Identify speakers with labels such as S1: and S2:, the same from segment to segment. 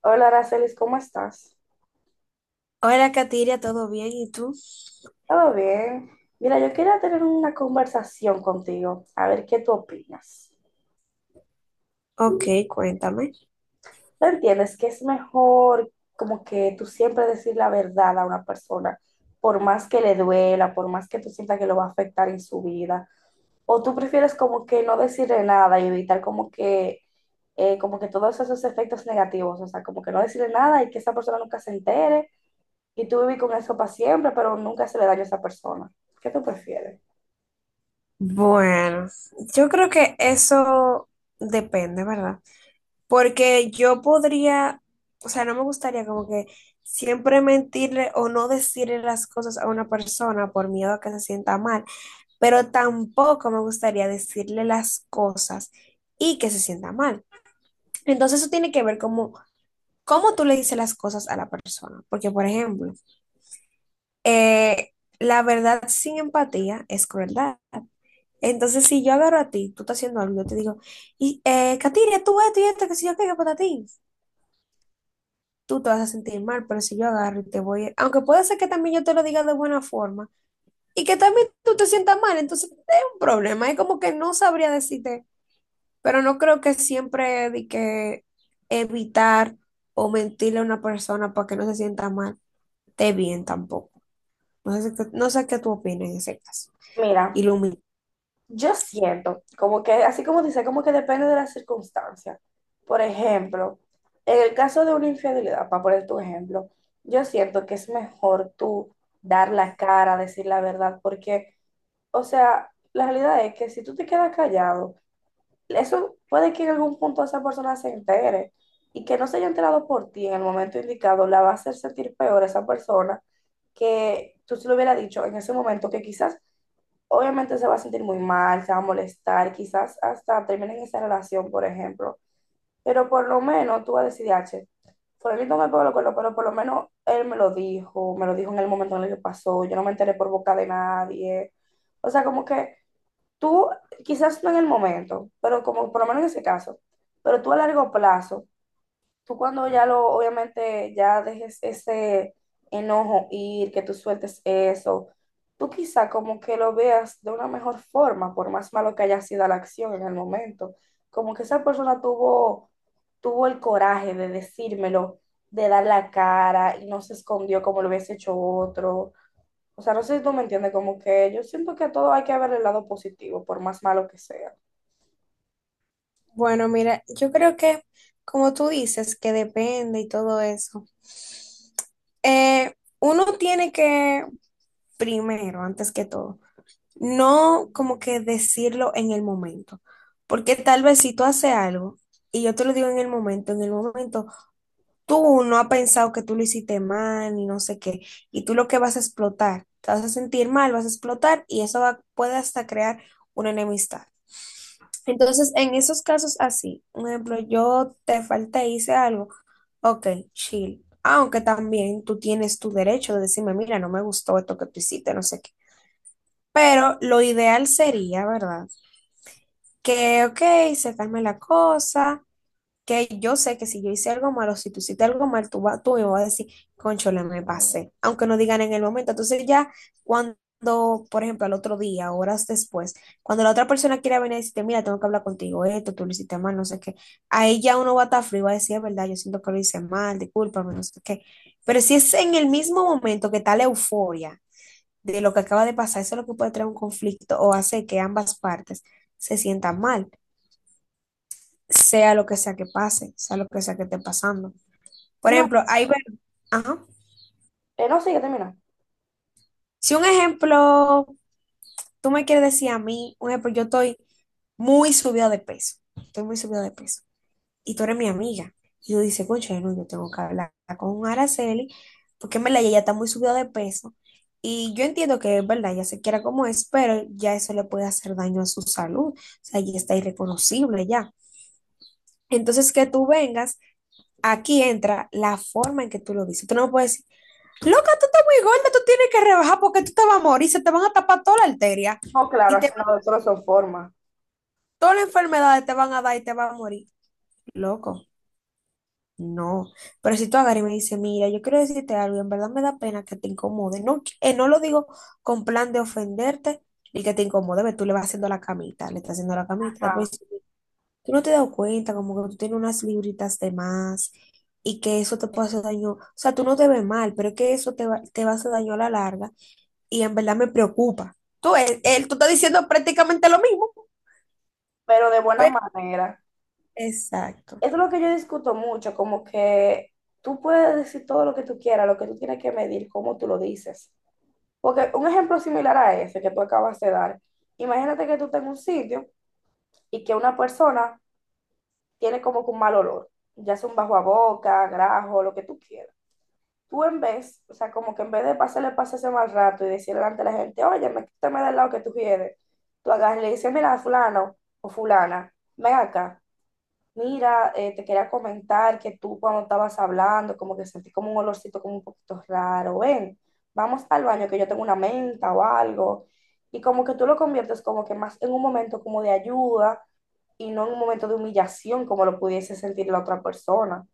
S1: Hola, Aracelis, ¿cómo estás?
S2: Hola, Katiria, ¿todo bien? ¿Y tú?
S1: ¿Todo bien? Mira, yo quería tener una conversación contigo, a ver qué tú opinas.
S2: Ok, cuéntame.
S1: ¿Tú entiendes que es mejor como que tú siempre decir la verdad a una persona, por más que le duela, por más que tú sientas que lo va a afectar en su vida? ¿O tú prefieres como que no decirle nada y evitar como que todos esos efectos negativos? O sea, como que no decirle nada y que esa persona nunca se entere y tú vivir con eso para siempre, pero nunca se le daño a esa persona. ¿Qué tú prefieres?
S2: Bueno, yo creo que eso depende, ¿verdad? Porque yo podría, o sea, no me gustaría como que siempre mentirle o no decirle las cosas a una persona por miedo a que se sienta mal, pero tampoco me gustaría decirle las cosas y que se sienta mal. Entonces eso tiene que ver como cómo tú le dices las cosas a la persona. Porque, por ejemplo, eh, la verdad sin empatía es crueldad. Entonces, si yo agarro a ti, tú estás haciendo algo, yo te digo, y, Katiria, tú esto y esto, que si yo qué, que para ti, tú te vas a sentir mal, pero si yo agarro y te voy, aunque puede ser que también yo te lo diga de buena forma y que también tú te sientas mal, entonces es un problema, es como que no sabría decirte, pero no creo que siempre de que evitar o mentirle a una persona para que no se sienta mal, esté bien tampoco. No sé, no sé qué tú opinas en ese caso.
S1: Mira,
S2: Ilumina.
S1: yo siento como que, así como dice, como que depende de la circunstancia. Por ejemplo, en el caso de una infidelidad, para poner tu ejemplo, yo siento que es mejor tú dar la cara, decir la verdad, porque, o sea, la realidad es que si tú te quedas callado, eso puede que en algún punto esa persona se entere y que no se haya enterado por ti en el momento indicado, la va a hacer sentir peor a esa persona que tú se lo hubiera dicho en ese momento que quizás. Obviamente se va a sentir muy mal, se va a molestar, quizás hasta terminen esa relación, por ejemplo. Pero por lo menos tú vas a decir, H, fulanito me pegó los cuernos, pero por lo menos él me lo dijo en el momento en el que pasó, yo no me enteré por boca de nadie. O sea, como que tú, quizás no en el momento, pero como por lo menos en ese caso, pero tú a largo plazo, tú cuando ya lo, obviamente, ya dejes ese enojo ir, que tú sueltes eso, tú quizá como que lo veas de una mejor forma, por más malo que haya sido la acción en el momento, como que esa persona tuvo, tuvo el coraje de decírmelo, de dar la cara y no se escondió como lo hubiese hecho otro. O sea, no sé si tú me entiendes, como que yo siento que a todo hay que ver el lado positivo, por más malo que sea.
S2: Bueno, mira, yo creo que como tú dices, que depende y todo eso, eh, uno tiene que, primero, antes que todo, no como que decirlo en el momento, porque tal vez si tú haces algo y yo te lo digo en el momento tú no has pensado que tú lo hiciste mal ni no sé qué, y tú lo que vas a explotar, te vas a sentir mal, vas a explotar y puede hasta crear una enemistad. Entonces, en esos casos así, un ejemplo, yo te falté, hice algo, ok, chill. Aunque también tú tienes tu derecho de decirme, mira, no me gustó esto que tú hiciste, no sé qué. Pero lo ideal sería, ¿verdad? Que, ok, se calme la cosa, que yo sé que si yo hice algo malo, si tú hiciste algo mal, tú, va, tú me vas a decir, conchole, me pasé, aunque no digan en el momento. Entonces ya cuando, por ejemplo, al otro día, horas después, cuando la otra persona quiera venir y decirte, mira, tengo que hablar contigo, esto, tú lo hiciste mal, no sé qué, ahí ya uno va a estar frío y va a decir, es verdad, yo siento que lo hice mal, discúlpame, no sé qué. Pero si es en el mismo momento que está la euforia de lo que acaba de pasar, eso es lo que puede traer un conflicto o hace que ambas partes se sientan mal sea lo que sea que pase, sea lo que sea que esté pasando. Por
S1: No,
S2: ejemplo, ahí ver, ajá.
S1: no, sí, ya termina.
S2: Si un ejemplo, tú me quieres decir a mí, un ejemplo, yo estoy muy subida de peso, estoy muy subida de peso, y tú eres mi amiga, y tú dices, concha, no, yo tengo que hablar con Araceli, porque en verdad ella está muy subida de peso, y yo entiendo que es verdad, ella se quiera como es, pero ya eso le puede hacer daño a su salud, o sea, ya está irreconocible ya. Entonces, que tú vengas aquí entra la forma en que tú lo dices. Tú no puedes decir, loca, tú estás muy gorda, tú tienes que rebajar porque tú te vas a morir, se te van a tapar toda la arteria
S1: No, claro,
S2: y te
S1: así
S2: van,
S1: no, solo son formas.
S2: todas las enfermedades te van a dar y te vas a morir. Loco, no. Pero si tú agarras y me dices, mira, yo quiero decirte algo, en verdad me da pena que te incomode. No, no lo digo con plan de ofenderte y que te incomode, ve, tú le vas haciendo la camita, le estás haciendo la camita,
S1: Ajá,
S2: después tú no te das cuenta como que tú tienes unas libritas de más y que eso te puede hacer daño. O sea, tú no te ves mal, pero es que eso te va a hacer daño a la larga y en verdad me preocupa. Tú, él, tú estás diciendo prácticamente lo mismo,
S1: pero de buena
S2: pero
S1: manera.
S2: exacto.
S1: Eso es lo que yo discuto mucho, como que tú puedes decir todo lo que tú quieras, lo que tú tienes que medir, cómo tú lo dices. Porque un ejemplo similar a ese que tú acabas de dar, imagínate que tú estás en un sitio y que una persona tiene como que un mal olor, ya sea un bajo a boca, grajo, lo que tú quieras. Tú en vez, o sea, como que en vez de pasarle pase ese mal rato y decirle delante a la gente, oye, me quítame del lado que tú quieres, tú agarras y le dices, mira, fulano o fulana, ven acá. Mira, te quería comentar que tú cuando estabas hablando, como que sentí como un olorcito como un poquito raro. Ven, vamos al baño que yo tengo una menta o algo. Y como que tú lo conviertes como que más en un momento como de ayuda y no en un momento de humillación como lo pudiese sentir la otra persona,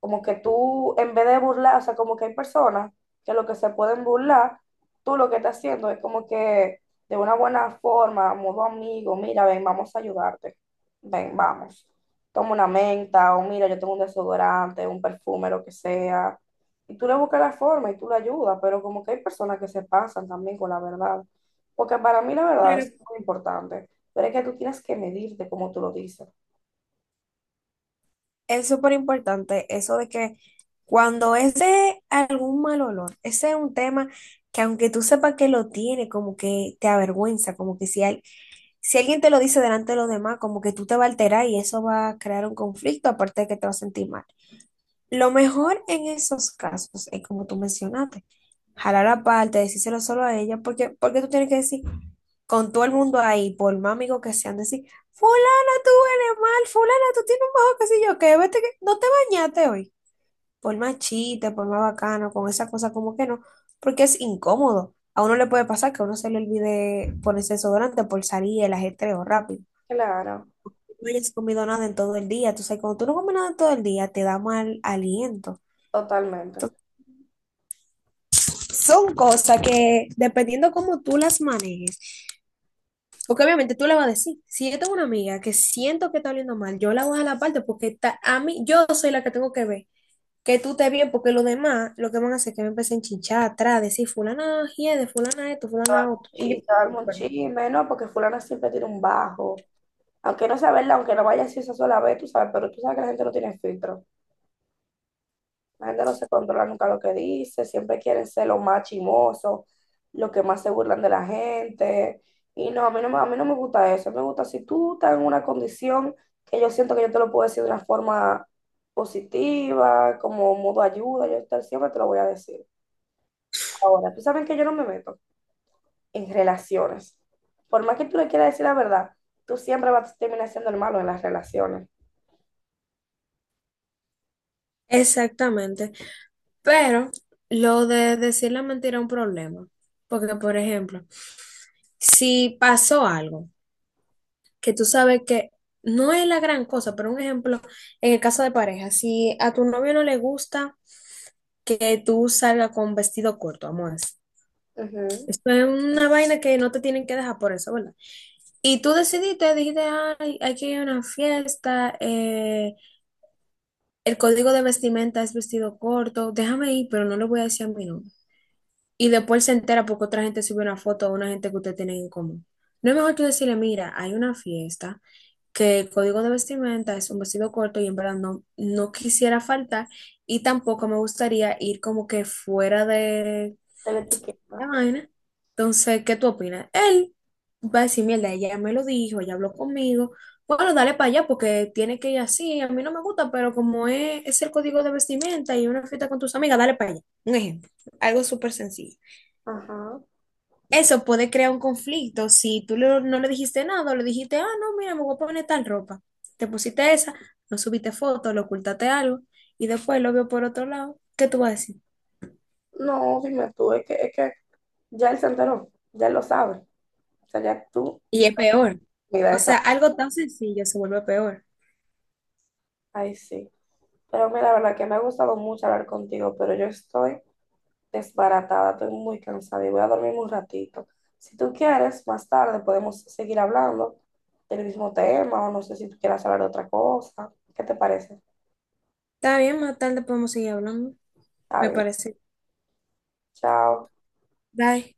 S1: como que tú, en vez de burlar, o sea, como que hay personas que lo que se pueden burlar, tú lo que estás haciendo es como que de una buena forma, modo amigo, mira, ven, vamos a ayudarte, ven, vamos, toma una menta, o mira, yo tengo un desodorante, un perfume, lo que sea, y tú le buscas la forma y tú le ayudas, pero como que hay personas que se pasan también con la verdad, porque para mí la verdad
S2: Pero
S1: es muy importante, pero es que tú tienes que medirte como tú lo dices.
S2: es súper importante eso de que cuando es de algún mal olor, ese es un tema que aunque tú sepas que lo tiene, como que te avergüenza, como que si, hay- Si alguien te lo dice delante de los demás, como que tú te vas a alterar y eso va a crear un conflicto, aparte de que te vas a sentir mal. Lo mejor en esos casos es como tú mencionaste, jalar aparte, decírselo solo a ella, porque, porque tú tienes que decir con todo el mundo ahí, por más amigos que sean, decir, fulana, tú eres mal, fulana, tú tienes un bajo, qué sé yo, que vete que no te bañaste hoy. Por más chiste, por más bacano, con esa cosa como que no, porque es incómodo. A uno le puede pasar que a uno se le olvide ponerse desodorante por salir el ajetreo rápido
S1: Claro,
S2: no hayas comido nada en todo el día. Tú sabes, cuando tú no comes nada en todo el día, te da mal aliento.
S1: totalmente.
S2: Entonces, son cosas que, dependiendo cómo tú las manejes, porque obviamente tú le vas a decir, si yo tengo una amiga que siento que está oliendo mal, yo la voy a la parte porque está, a mí, yo soy la que tengo que ver. Que tú te bien, porque los demás lo que van a hacer es que me empiecen a chinchar atrás, decir fulana de fulana esto, fulana otro. Y yo,
S1: Sí, se arma un
S2: perdón.
S1: chisme, ¿no? Porque fulana siempre tiene un bajo. Aunque no sea verdad, aunque no vaya así esa sola vez, tú sabes, pero tú sabes que la gente no tiene filtro. La gente no se controla nunca lo que dice, siempre quieren ser los más chimosos, los que más se burlan de la gente. Y no, a mí no, a mí no me gusta eso. Me gusta si tú estás en una condición que yo siento que yo te lo puedo decir de una forma positiva, como modo ayuda, siempre te lo voy a decir. Ahora, tú sabes que yo no me meto en relaciones. Por más que tú le quieras decir la verdad, tú siempre vas a terminar siendo el malo en las relaciones.
S2: Exactamente. Pero lo de decir la mentira es un problema. Porque, por ejemplo, si pasó algo que tú sabes que no es la gran cosa, pero un ejemplo, en el caso de pareja, si a tu novio no le gusta que tú salgas con vestido corto, amor.
S1: Ujú.
S2: Esto es una vaina que no te tienen que dejar por eso, ¿verdad? Y tú decidiste, dijiste, ay, aquí hay que ir a una fiesta, el código de vestimenta es vestido corto, déjame ir, pero no le voy a decir a mi novio. Y después se entera porque otra gente sube una foto a una gente que usted tiene en común. No es mejor tú decirle, mira, hay una fiesta, que el código de vestimenta es un vestido corto y en verdad no quisiera faltar y tampoco me gustaría ir como que fuera de
S1: Te la etiqueta.
S2: la vaina. Entonces, ¿qué tú opinas? Él va a decir, mierda, ella me lo dijo, ella habló conmigo. Bueno, dale para allá porque tiene que ir así. A mí no me gusta, pero como es el código de vestimenta y una fiesta con tus amigas, dale para allá. Un ejemplo, algo súper sencillo.
S1: Ajá.
S2: Eso puede crear un conflicto. Si no le dijiste nada, o le dijiste, ah, no, mira, me voy a poner tal ropa. Te pusiste esa, no subiste foto, lo ocultaste algo y después lo vio por otro lado. ¿Qué tú vas a decir?
S1: No, dime tú, es que ya él se enteró, ya él lo sabe. O sea, ya tú,
S2: Y es peor.
S1: mira
S2: O sea,
S1: esa.
S2: algo tan sencillo se vuelve peor.
S1: Ay, sí. Pero mira, la verdad que me ha gustado mucho hablar contigo, pero yo estoy desbaratada, estoy muy cansada y voy a dormir un ratito. Si tú quieres, más tarde podemos seguir hablando del mismo tema o no sé si tú quieras hablar de otra cosa. ¿Qué te parece?
S2: Está bien, más tarde podemos seguir hablando,
S1: Está
S2: me
S1: bien.
S2: parece.
S1: Chao.
S2: Bye.